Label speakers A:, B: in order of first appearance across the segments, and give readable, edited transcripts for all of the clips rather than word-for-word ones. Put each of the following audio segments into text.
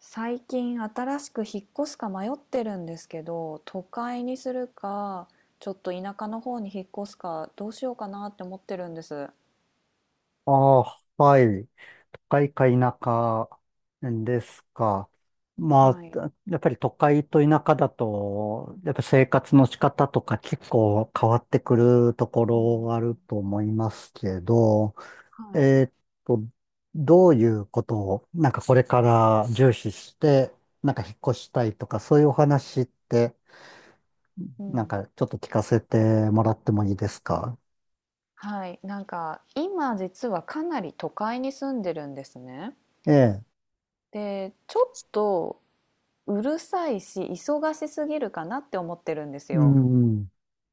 A: 最近新しく引っ越すか迷ってるんですけど、都会にするか、ちょっと田舎の方に引っ越すか、どうしようかなって思ってるんです。
B: ああ、はい。都会か田舎ですか。まあ、
A: はい。
B: やっぱり都会と田舎だと、やっぱ生活の仕方とか結構変わってくるとこ
A: う
B: ろ
A: ん
B: があると思いますけど、
A: うん、はい。
B: えーっと、どういうことを、なんかこれから重視して、なんか引っ越したいとか、そういうお話って、
A: う
B: なん
A: ん。
B: かちょっと聞かせてもらってもいいですか。
A: はい。なんか、今実はかなり都会に住んでるんですね。
B: ええ、
A: で、ちょっとうるさいし、忙しすぎるかなって思ってるんです
B: う
A: よ。
B: ん、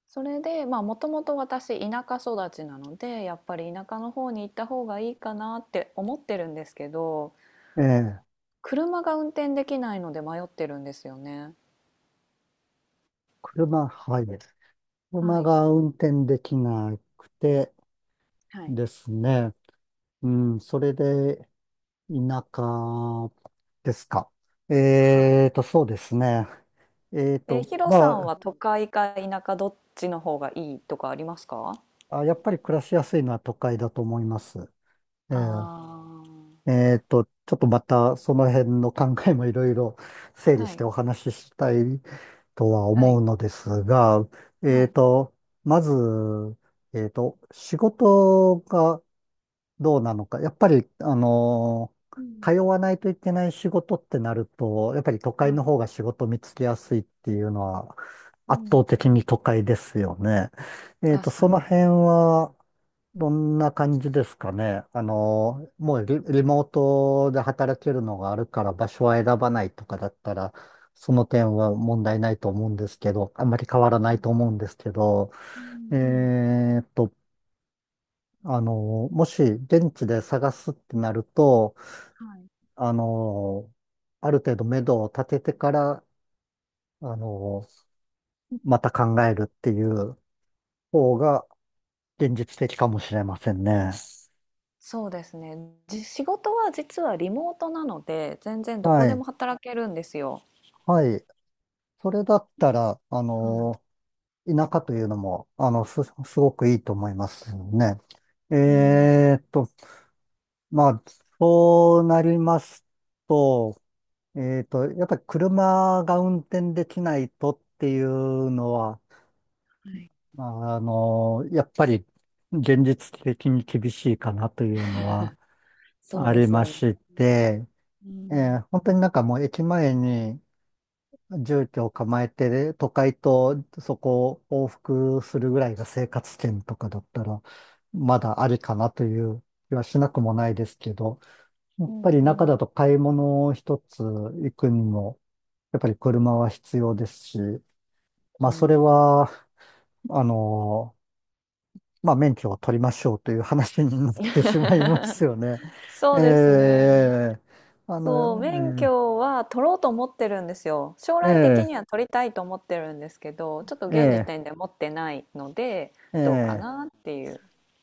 A: それで、まあ、もともと私、田舎育ちなので、やっぱり田舎の方に行った方がいいかなって思ってるんですけど、
B: ええ、
A: 車が運転できないので迷ってるんですよね。
B: 車、はい。
A: は
B: 車
A: い。
B: が運転できなくて
A: はい。
B: ですね。うん、それで田舎ですか。
A: はい。
B: そうですね。えー
A: え、
B: と、
A: ヒロさん
B: ま
A: は都会か田舎どっちの方がいいとかありますか？
B: あ、やっぱり暮らしやすいのは都会だと思います。えー、
A: あ
B: ちょっとまたその辺の考えもいろいろ整
A: あ、
B: 理
A: は
B: し
A: い、
B: てお話ししたいとは
A: は
B: 思う
A: い、
B: のですが、
A: は
B: えー
A: い。
B: と、まず、仕事がどうなのか。やっぱり、
A: うん、
B: 通わないといけない仕事ってなると、やっぱり都会
A: は
B: の方が仕事見つけやすいっていうのは、
A: い。う
B: 圧倒
A: ん、う
B: 的に
A: ん。
B: 都会ですよね。
A: 確
B: そ
A: か
B: の
A: に。
B: 辺は、どんな感じですかね。もうリモートで働けるのがあるから場所は選ばないとかだったら、その点は問題ないと思うんですけど、あんまり変わら
A: は
B: ない
A: い。
B: と思うんですけど、
A: うん、うん。
B: えっと、あの、もし現地で探すってなると、
A: はい。
B: あの、ある程度目処を立ててから、あの、また考えるっていう方が現実的かもしれませんね。
A: そうですね。仕事は実はリモートなので、全然ど
B: は
A: こで
B: い。
A: も働けるんですよ。
B: はい。それだったら、あ
A: はい。
B: の、田舎というのも、すごくいいと思いますね。
A: うん、
B: えーっと、まあ、そうなりますと、やっぱり車が運転できないとっていうのは、
A: はい。
B: まあの、やっぱり現実的に厳しいかなというのは
A: そう
B: あ
A: で
B: り
A: す
B: ま
A: よね。
B: して、
A: う
B: え
A: ん、
B: ー本当になんかもう駅前に住居を構えて、都会とそこを往復するぐらいが生活圏とかだったら、まだありかなという気はしなくもないですけど、や
A: う
B: っぱ
A: ん、
B: り
A: う
B: 中だ
A: ん。
B: と買い物一つ行くにも、やっぱり車は必要ですし、ま
A: う
B: あそれ
A: ん。
B: は、あの、まあ、免許を取りましょうという話になってしまいます よね。
A: そ
B: え
A: うですね。
B: え、あの、
A: そう、免許は取ろうと思ってるんですよ。将
B: え
A: 来的
B: え、
A: には取りたいと思ってるんですけど、ちょっと
B: え
A: 現時
B: え、
A: 点で持ってないので、
B: え
A: どうか
B: え、ええ、
A: なっていう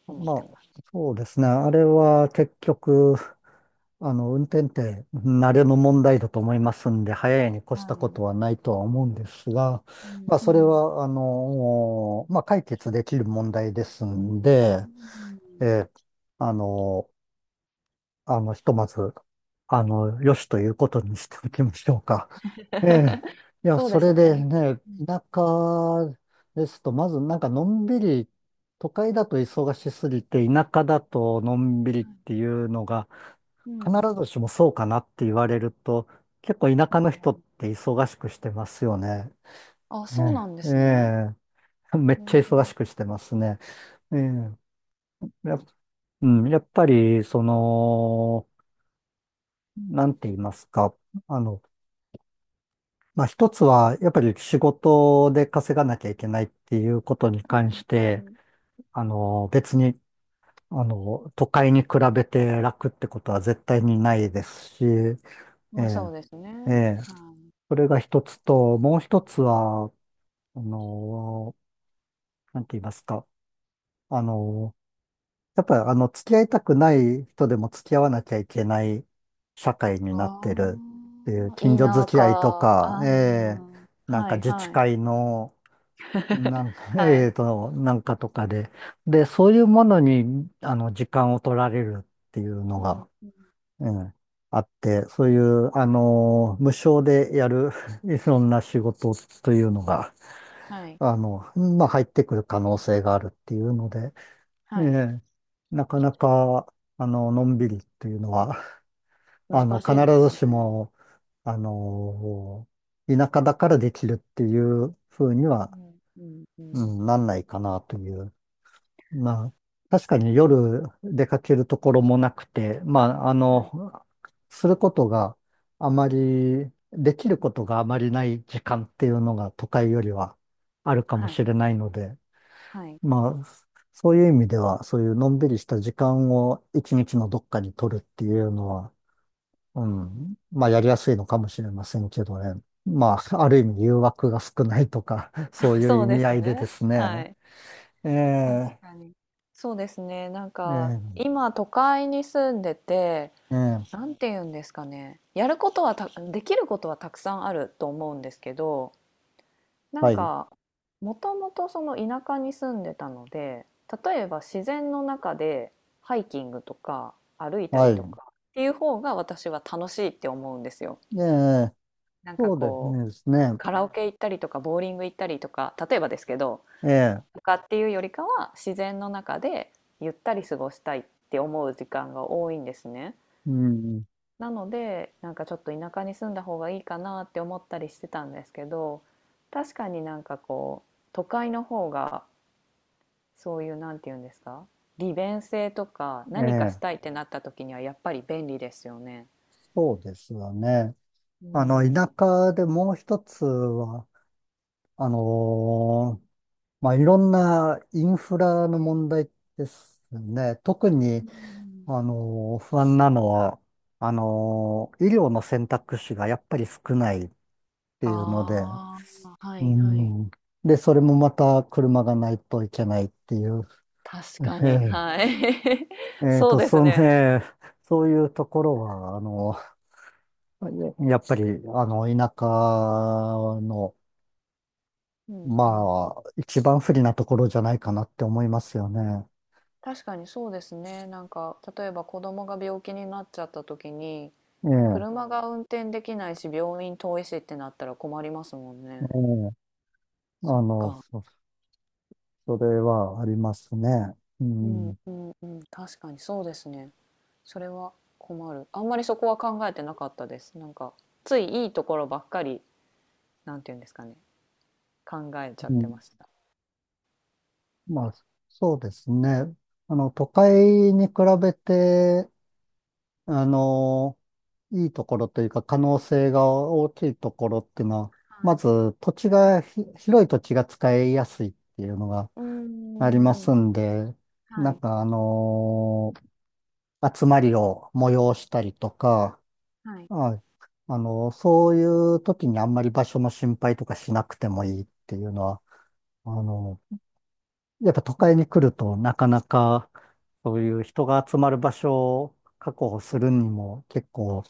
A: 思っ
B: ま
A: て
B: あ、
A: ます。
B: そうですね。あれは結局、あの、運転って慣れの問題だと思いますんで、早いに越
A: は
B: したこ
A: い。
B: とはないとは思うんですが、
A: うん。
B: まあ、
A: う
B: それ
A: ん、
B: は、あの、まあ、解決できる問題ですんで、
A: うん。
B: ええ、あの、あの、ひとまず、あの、よしということにしておきましょうか。ええ。いや、
A: そうで
B: そ
A: す
B: れで
A: ね。
B: ね、田舎ですと、まずなんかのんびり、都会だと忙しすぎて、田舎だとのんびりっていうのが、
A: う
B: 必
A: ん。
B: ずしもそうかなって言われると、結構田舎の人って忙しくしてますよね。
A: あ、
B: え
A: そうなんで
B: え。え
A: すね。
B: え、 めっ
A: う
B: ちゃ忙し
A: ん。
B: くしてますね。ええ。やっ、うん、やっぱり、その、なんて言いますか。あの、まあ一つは、やっぱり仕事で稼がなきゃいけないっていうことに
A: う
B: 関
A: ん。
B: し
A: う
B: て、
A: ん。
B: あの、別に、あの、都会に比べて楽ってことは絶対にないですし、え
A: まあ、そ
B: え、
A: うですね。
B: ええ、
A: はい。
B: それが一つと、もう一つは、あの、なんて言いますか、あの、やっぱりあの、付き合いたくない人でも付き合わなきゃいけない社会になってる
A: あ
B: っていう、
A: あ、田
B: 近所付き合いと
A: 舎、
B: か、ええ、
A: ああ、
B: なん
A: は
B: か
A: い
B: 自治
A: はい。
B: 会の、
A: はい。
B: なんかとかで。で、そういうものに、あの、時間を取られるっていうの
A: うん。
B: が、うん、あって、そういう、あの、無償でやる いろんな仕事というのが、
A: はい、
B: あの、まあ、入ってくる可能性があるっていうので、え
A: はい。
B: え、なかなか、あの、のんびりっていうのは、あの、
A: 難
B: 必
A: しいです
B: ず
A: か
B: し
A: ね。
B: も、あの、田舎だからできるっていうふうに
A: う
B: は、
A: ん。うん、う
B: う
A: ん。
B: ん、なんないかなという。まあ、確かに夜出かけるところもなくて、まあ、あ
A: はい、
B: の、することがあまり、できることがあまりない時間っていうのが都会よりはあるかも
A: はい、
B: しれないので、
A: はい。
B: まあ、そういう意味では、そういうのんびりした時間を一日のどっかに取るっていうのは、うん、まあ、やりやすいのかもしれませんけどね。まあ、ある意味誘惑が少ないとか、そう いう
A: そ
B: 意
A: うで
B: 味合
A: す
B: いでで
A: ね。
B: す
A: は
B: ね。
A: い。
B: え
A: 確
B: え、
A: かに。そうですね、なんか、
B: ええ、
A: 今都会に住んでて、
B: ええ、
A: なんて言うんですかね、やることはたできることはたくさんあると思うんですけど、な
B: は
A: ん
B: い。
A: か、もともとその田舎に住んでたので、例えば自然の中でハイキングとか歩いた
B: は
A: りと
B: い。
A: かっていう方が私は楽しいって思うんですよ。
B: ええ、
A: なんか
B: そうで
A: こう、
B: すね。
A: カラオケ行ったりとか、ボーリング行ったりとか、例えばですけど、
B: ええ、
A: とかっていうよりかは、自然の中でゆったり過ごしたいって思う時間が多いんですね。
B: うん、
A: なので、なんかちょっと田舎に住んだ方がいいかなって思ったりしてたんですけど、確かになんかこう、都会の方が、そういう、なんて言うんですか、利便性とか、
B: え
A: 何かした
B: え、
A: いってなった時にはやっぱり便利ですよね。
B: そうですよね。
A: う
B: あの、
A: んうん。
B: 田舎でもう一つは、あのーまあ、いろんなインフラの問題ですね。特
A: う
B: に、
A: ん。
B: 不安なのは、医療の選択肢がやっぱり少ないっていうので、
A: ああ、は
B: う
A: いはい。
B: ん。で、それもまた車がないといけないっていう。
A: 確か
B: え
A: に、
B: え、
A: はい。そうで
B: そ
A: す
B: う
A: ね。
B: ね、そういうところは、あの、やっぱり、あの、田舎の、
A: うんうん。
B: まあ、一番不利なところじゃないかなって思いますよね。
A: 確かにそうですね。なんか、例えば子供が病気になっちゃった時に、
B: ええ、
A: 車が運転できないし、病院遠いしってなったら困りますもん
B: え
A: ね。
B: え、あ
A: そっ
B: の、
A: か。
B: そ、それはありますね。う
A: うん
B: ん、
A: うんうん。確かにそうですね。それは困る。あんまりそこは考えてなかったです。なんか、ついいいところばっかり、なんていうんですかね。考えちゃっ
B: う
A: て
B: ん、
A: ました。
B: まあ、そうですね。あの、都会に比べて、あの、いいところというか可能性が大きいところっていうのは、
A: は
B: ま
A: い。
B: ず土地がひ、広い土地が使いやすいっていうのが
A: うー
B: ありま
A: ん。
B: すんで、な
A: は
B: ん
A: い。
B: かあの集まりを催したりとか、
A: はい。
B: はい、あのそういう時にあんまり場所の心配とかしなくてもいいっていうのは、あのやっぱ都
A: うん。
B: 会に来るとなかなかそういう人が集まる場所を確保するにも結構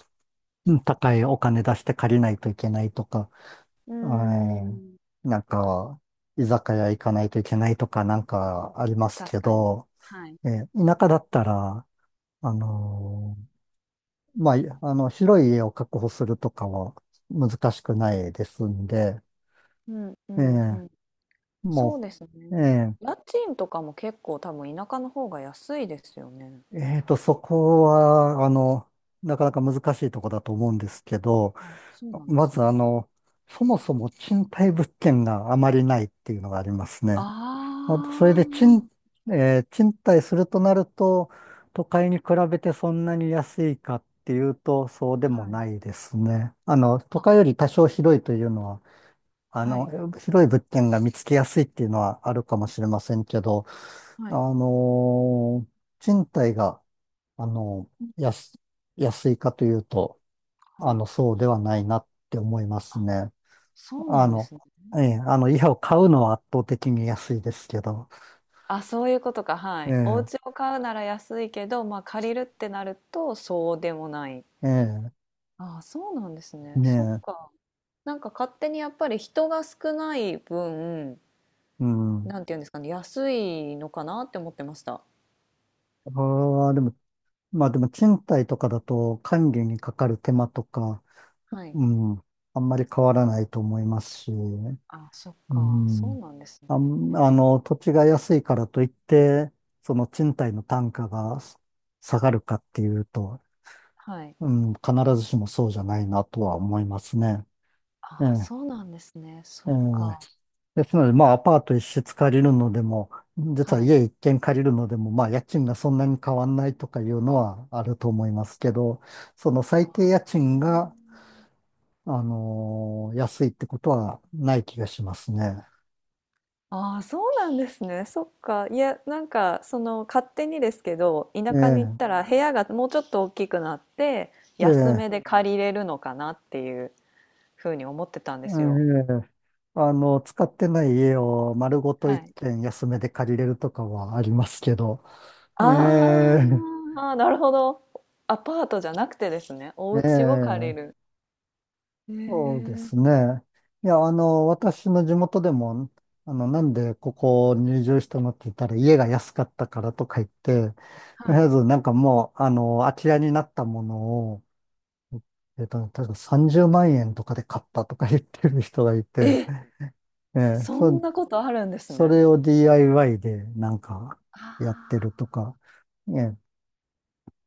B: うん高いお金出して借りないといけないとか、
A: うー
B: は
A: ん。
B: い、なんか、居酒屋行かないといけないとかなんかあります
A: 確
B: け
A: かに。
B: ど、
A: はい。
B: えー田舎だったら、あのまあ、いあの、広い家を確保するとかは難しくないですんで、
A: うんう
B: え
A: んう
B: ー
A: ん。そう
B: も
A: ですね。
B: う、
A: 家賃とかも結構多分田舎の方が安いですよね。
B: そこは、あの、なかなか難しいとこだと思うんですけど、
A: あ、そうなんで
B: ま
A: す
B: ず
A: ね。
B: あの、そもそも賃貸物件があまりないっていうのがありますね。ほんとそれ
A: あ
B: で
A: あ
B: えー賃貸するとなると、都会に比べてそんなに安いかっていうと、そうでも
A: はい。
B: ないですね。あの、都
A: あ。
B: 会より多少広いというのは、あ
A: は
B: の、
A: い
B: 広い物件が見つけやすいっていうのはあるかもしれませんけど、
A: は
B: あ
A: い
B: のー賃貸が、あの、安、安いかというと、あ
A: はい。
B: の、そうではないなって思います
A: あ、
B: ね。
A: そう
B: あ
A: なんで
B: の、
A: すね。
B: ええ、あの、家を買うのは圧倒的に安いですけど、
A: あ、そういうことか、はい。お
B: え
A: 家
B: え、
A: を買うなら安いけど、まあ、借りるってなるとそうでもない。
B: ええ、
A: ああ、そうなんですね。
B: ね
A: そっ
B: え、
A: か。なんか勝手にやっぱり人が少ない分
B: うん。
A: なんていうんですかね、安いのかなって思ってました。
B: ああ、でも、まあでも賃貸とかだと管理にかかる手間とか、
A: はい。
B: うん、あんまり変わらないと思いますし、
A: あ、そっ
B: う
A: か、そ
B: ん。
A: うなんですね。
B: あの、土地が安いからといって、その賃貸の単価が下がるかっていうと、
A: はい。
B: うん、必ずしもそうじゃないなとは思いますね。え
A: あ
B: え、
A: そうなんですね。
B: え
A: そっか。
B: え。ですので、まあ、アパート一室借りるのでも、実は
A: はい。
B: 家一軒借りるのでも、まあ、家賃がそんなに変わんないとかいうのはあると思いますけど、その
A: あ
B: 最低家
A: ー
B: 賃が、安いってことはない気がしますね。
A: あーそうなんですね。そっか。いや、なんか、その、勝手にですけど、
B: え
A: 田舎に行っ
B: え、
A: たら部屋がもうちょっと大きくなって、
B: え
A: 安
B: え、
A: めで借りれるのかなっていうふうに思ってたん
B: え
A: ですよ。
B: え、あの、使ってない家を丸ごと
A: は
B: 一
A: い。
B: 軒安めで借りれるとかはありますけど、え
A: あ
B: え、
A: ーあー、なるほど。アパートじゃなくてですね、お家を借
B: え
A: り
B: え、
A: る。へ
B: そうで
A: え。
B: すね。いや、あの、私の地元でも、あの、なんでここ入場したのって言ったら、家が安かったからとか言って、とり
A: は
B: あえ
A: い。
B: ずなんかもう、あの、空き家になったものを、えっと、確か30万円とかで買ったとか言ってる人がい
A: え、
B: て、ええ、
A: そんなことあるんです
B: そ
A: ね。
B: れを DIY でなんか
A: あ
B: やってると
A: あ。
B: か、ええ、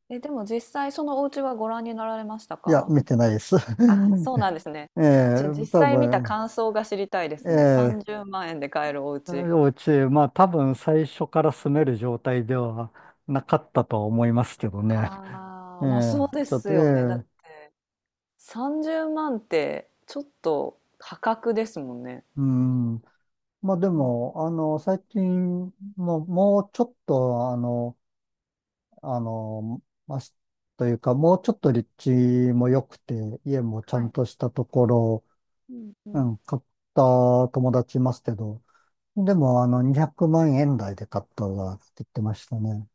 A: え、でも実際そのお家はご覧になられました
B: いや、
A: か？
B: 見てないです。
A: あ、そうなんですね。
B: え
A: じ
B: え、
A: ゃ、実
B: 多
A: 際見た
B: 分、
A: 感想が知りたいですね。
B: ええ、
A: 30万円で買えるお家。
B: 幼稚園、まあ多分最初から住める状態ではなかったとは思いますけどね。
A: あ
B: え
A: あ、
B: え、
A: ま、そうで
B: ちょっ
A: す
B: と、え
A: よね。だって
B: え、
A: 30万ってちょっと破格ですもんね。
B: うん。まあで
A: うん、
B: も、あの、最近、もうちょっと、あの、あの、まあ、というか、もうちょっと立地も良くて、家もちゃ
A: は
B: ん
A: い。
B: としたところ、
A: うんう
B: う
A: ん。
B: ん、買った友達いますけど、でも、あの、200万円台で買ったわって言ってましたね。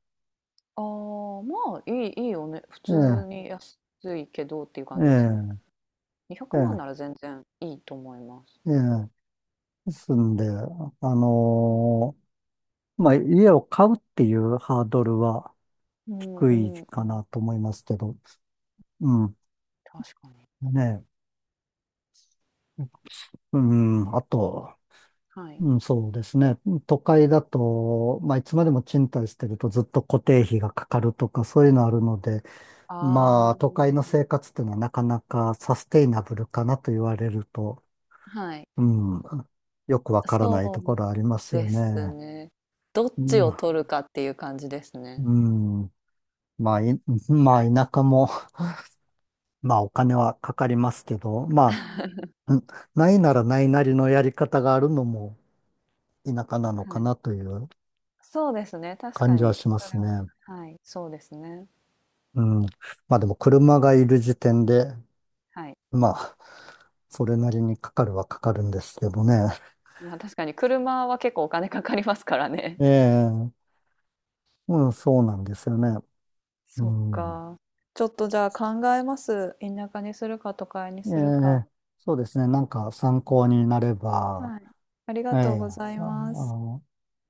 A: ああ、まあ、いいいいよね。普
B: ええ、
A: 通に安いけどっていう
B: え
A: 感じですね。200
B: え、
A: 万
B: え
A: なら全然いいと思います。
B: え、ええ。ですんで、あのまあ、家を買うっていうハードルは
A: うん
B: 低
A: う
B: い
A: んう
B: か
A: ん、
B: なと思いますけど、うん、
A: 確かに。
B: ねえ、うん、あと、
A: はい。
B: うん、そうですね、都会だと、まあ、いつまでも賃貸してるとずっと固定費がかかるとか、そういうのあるので、まあ、
A: あ
B: 都会の生活っていうのはなかなかサステイナブルかなと言われると、
A: あ、はい。
B: うん、よくわからない
A: そ
B: ところありま
A: う
B: すよ
A: です
B: ね。
A: ね。どっ
B: う
A: ち
B: ん、
A: を取るかっていう感じですね。
B: うん、まあ、い、まあ、田舎も、まあ、お金はかかりますけど、まあ、ないならないなりのやり方があるのも田舎なの
A: は
B: か
A: い。
B: なという
A: そうですね、確
B: 感
A: か
B: じは
A: に、
B: しま
A: そ
B: す
A: れは、
B: ね。
A: はい、そうですね。
B: うん。まあ、でも車がいる時点で、
A: はい。
B: まあ、それなりにかかるはかかるんですけどね。
A: まあ、確かに車は結構お金かかりますからね。
B: え え、うん、そうなんですよね。う
A: そっ
B: ん。
A: か。ちょっとじゃあ考えます。田舎にするか都会に
B: え
A: するか。
B: え、そうですね。なんか参考になれば、
A: はい。あり
B: え
A: がとう
B: え、
A: ござい
B: あ
A: ます。
B: あ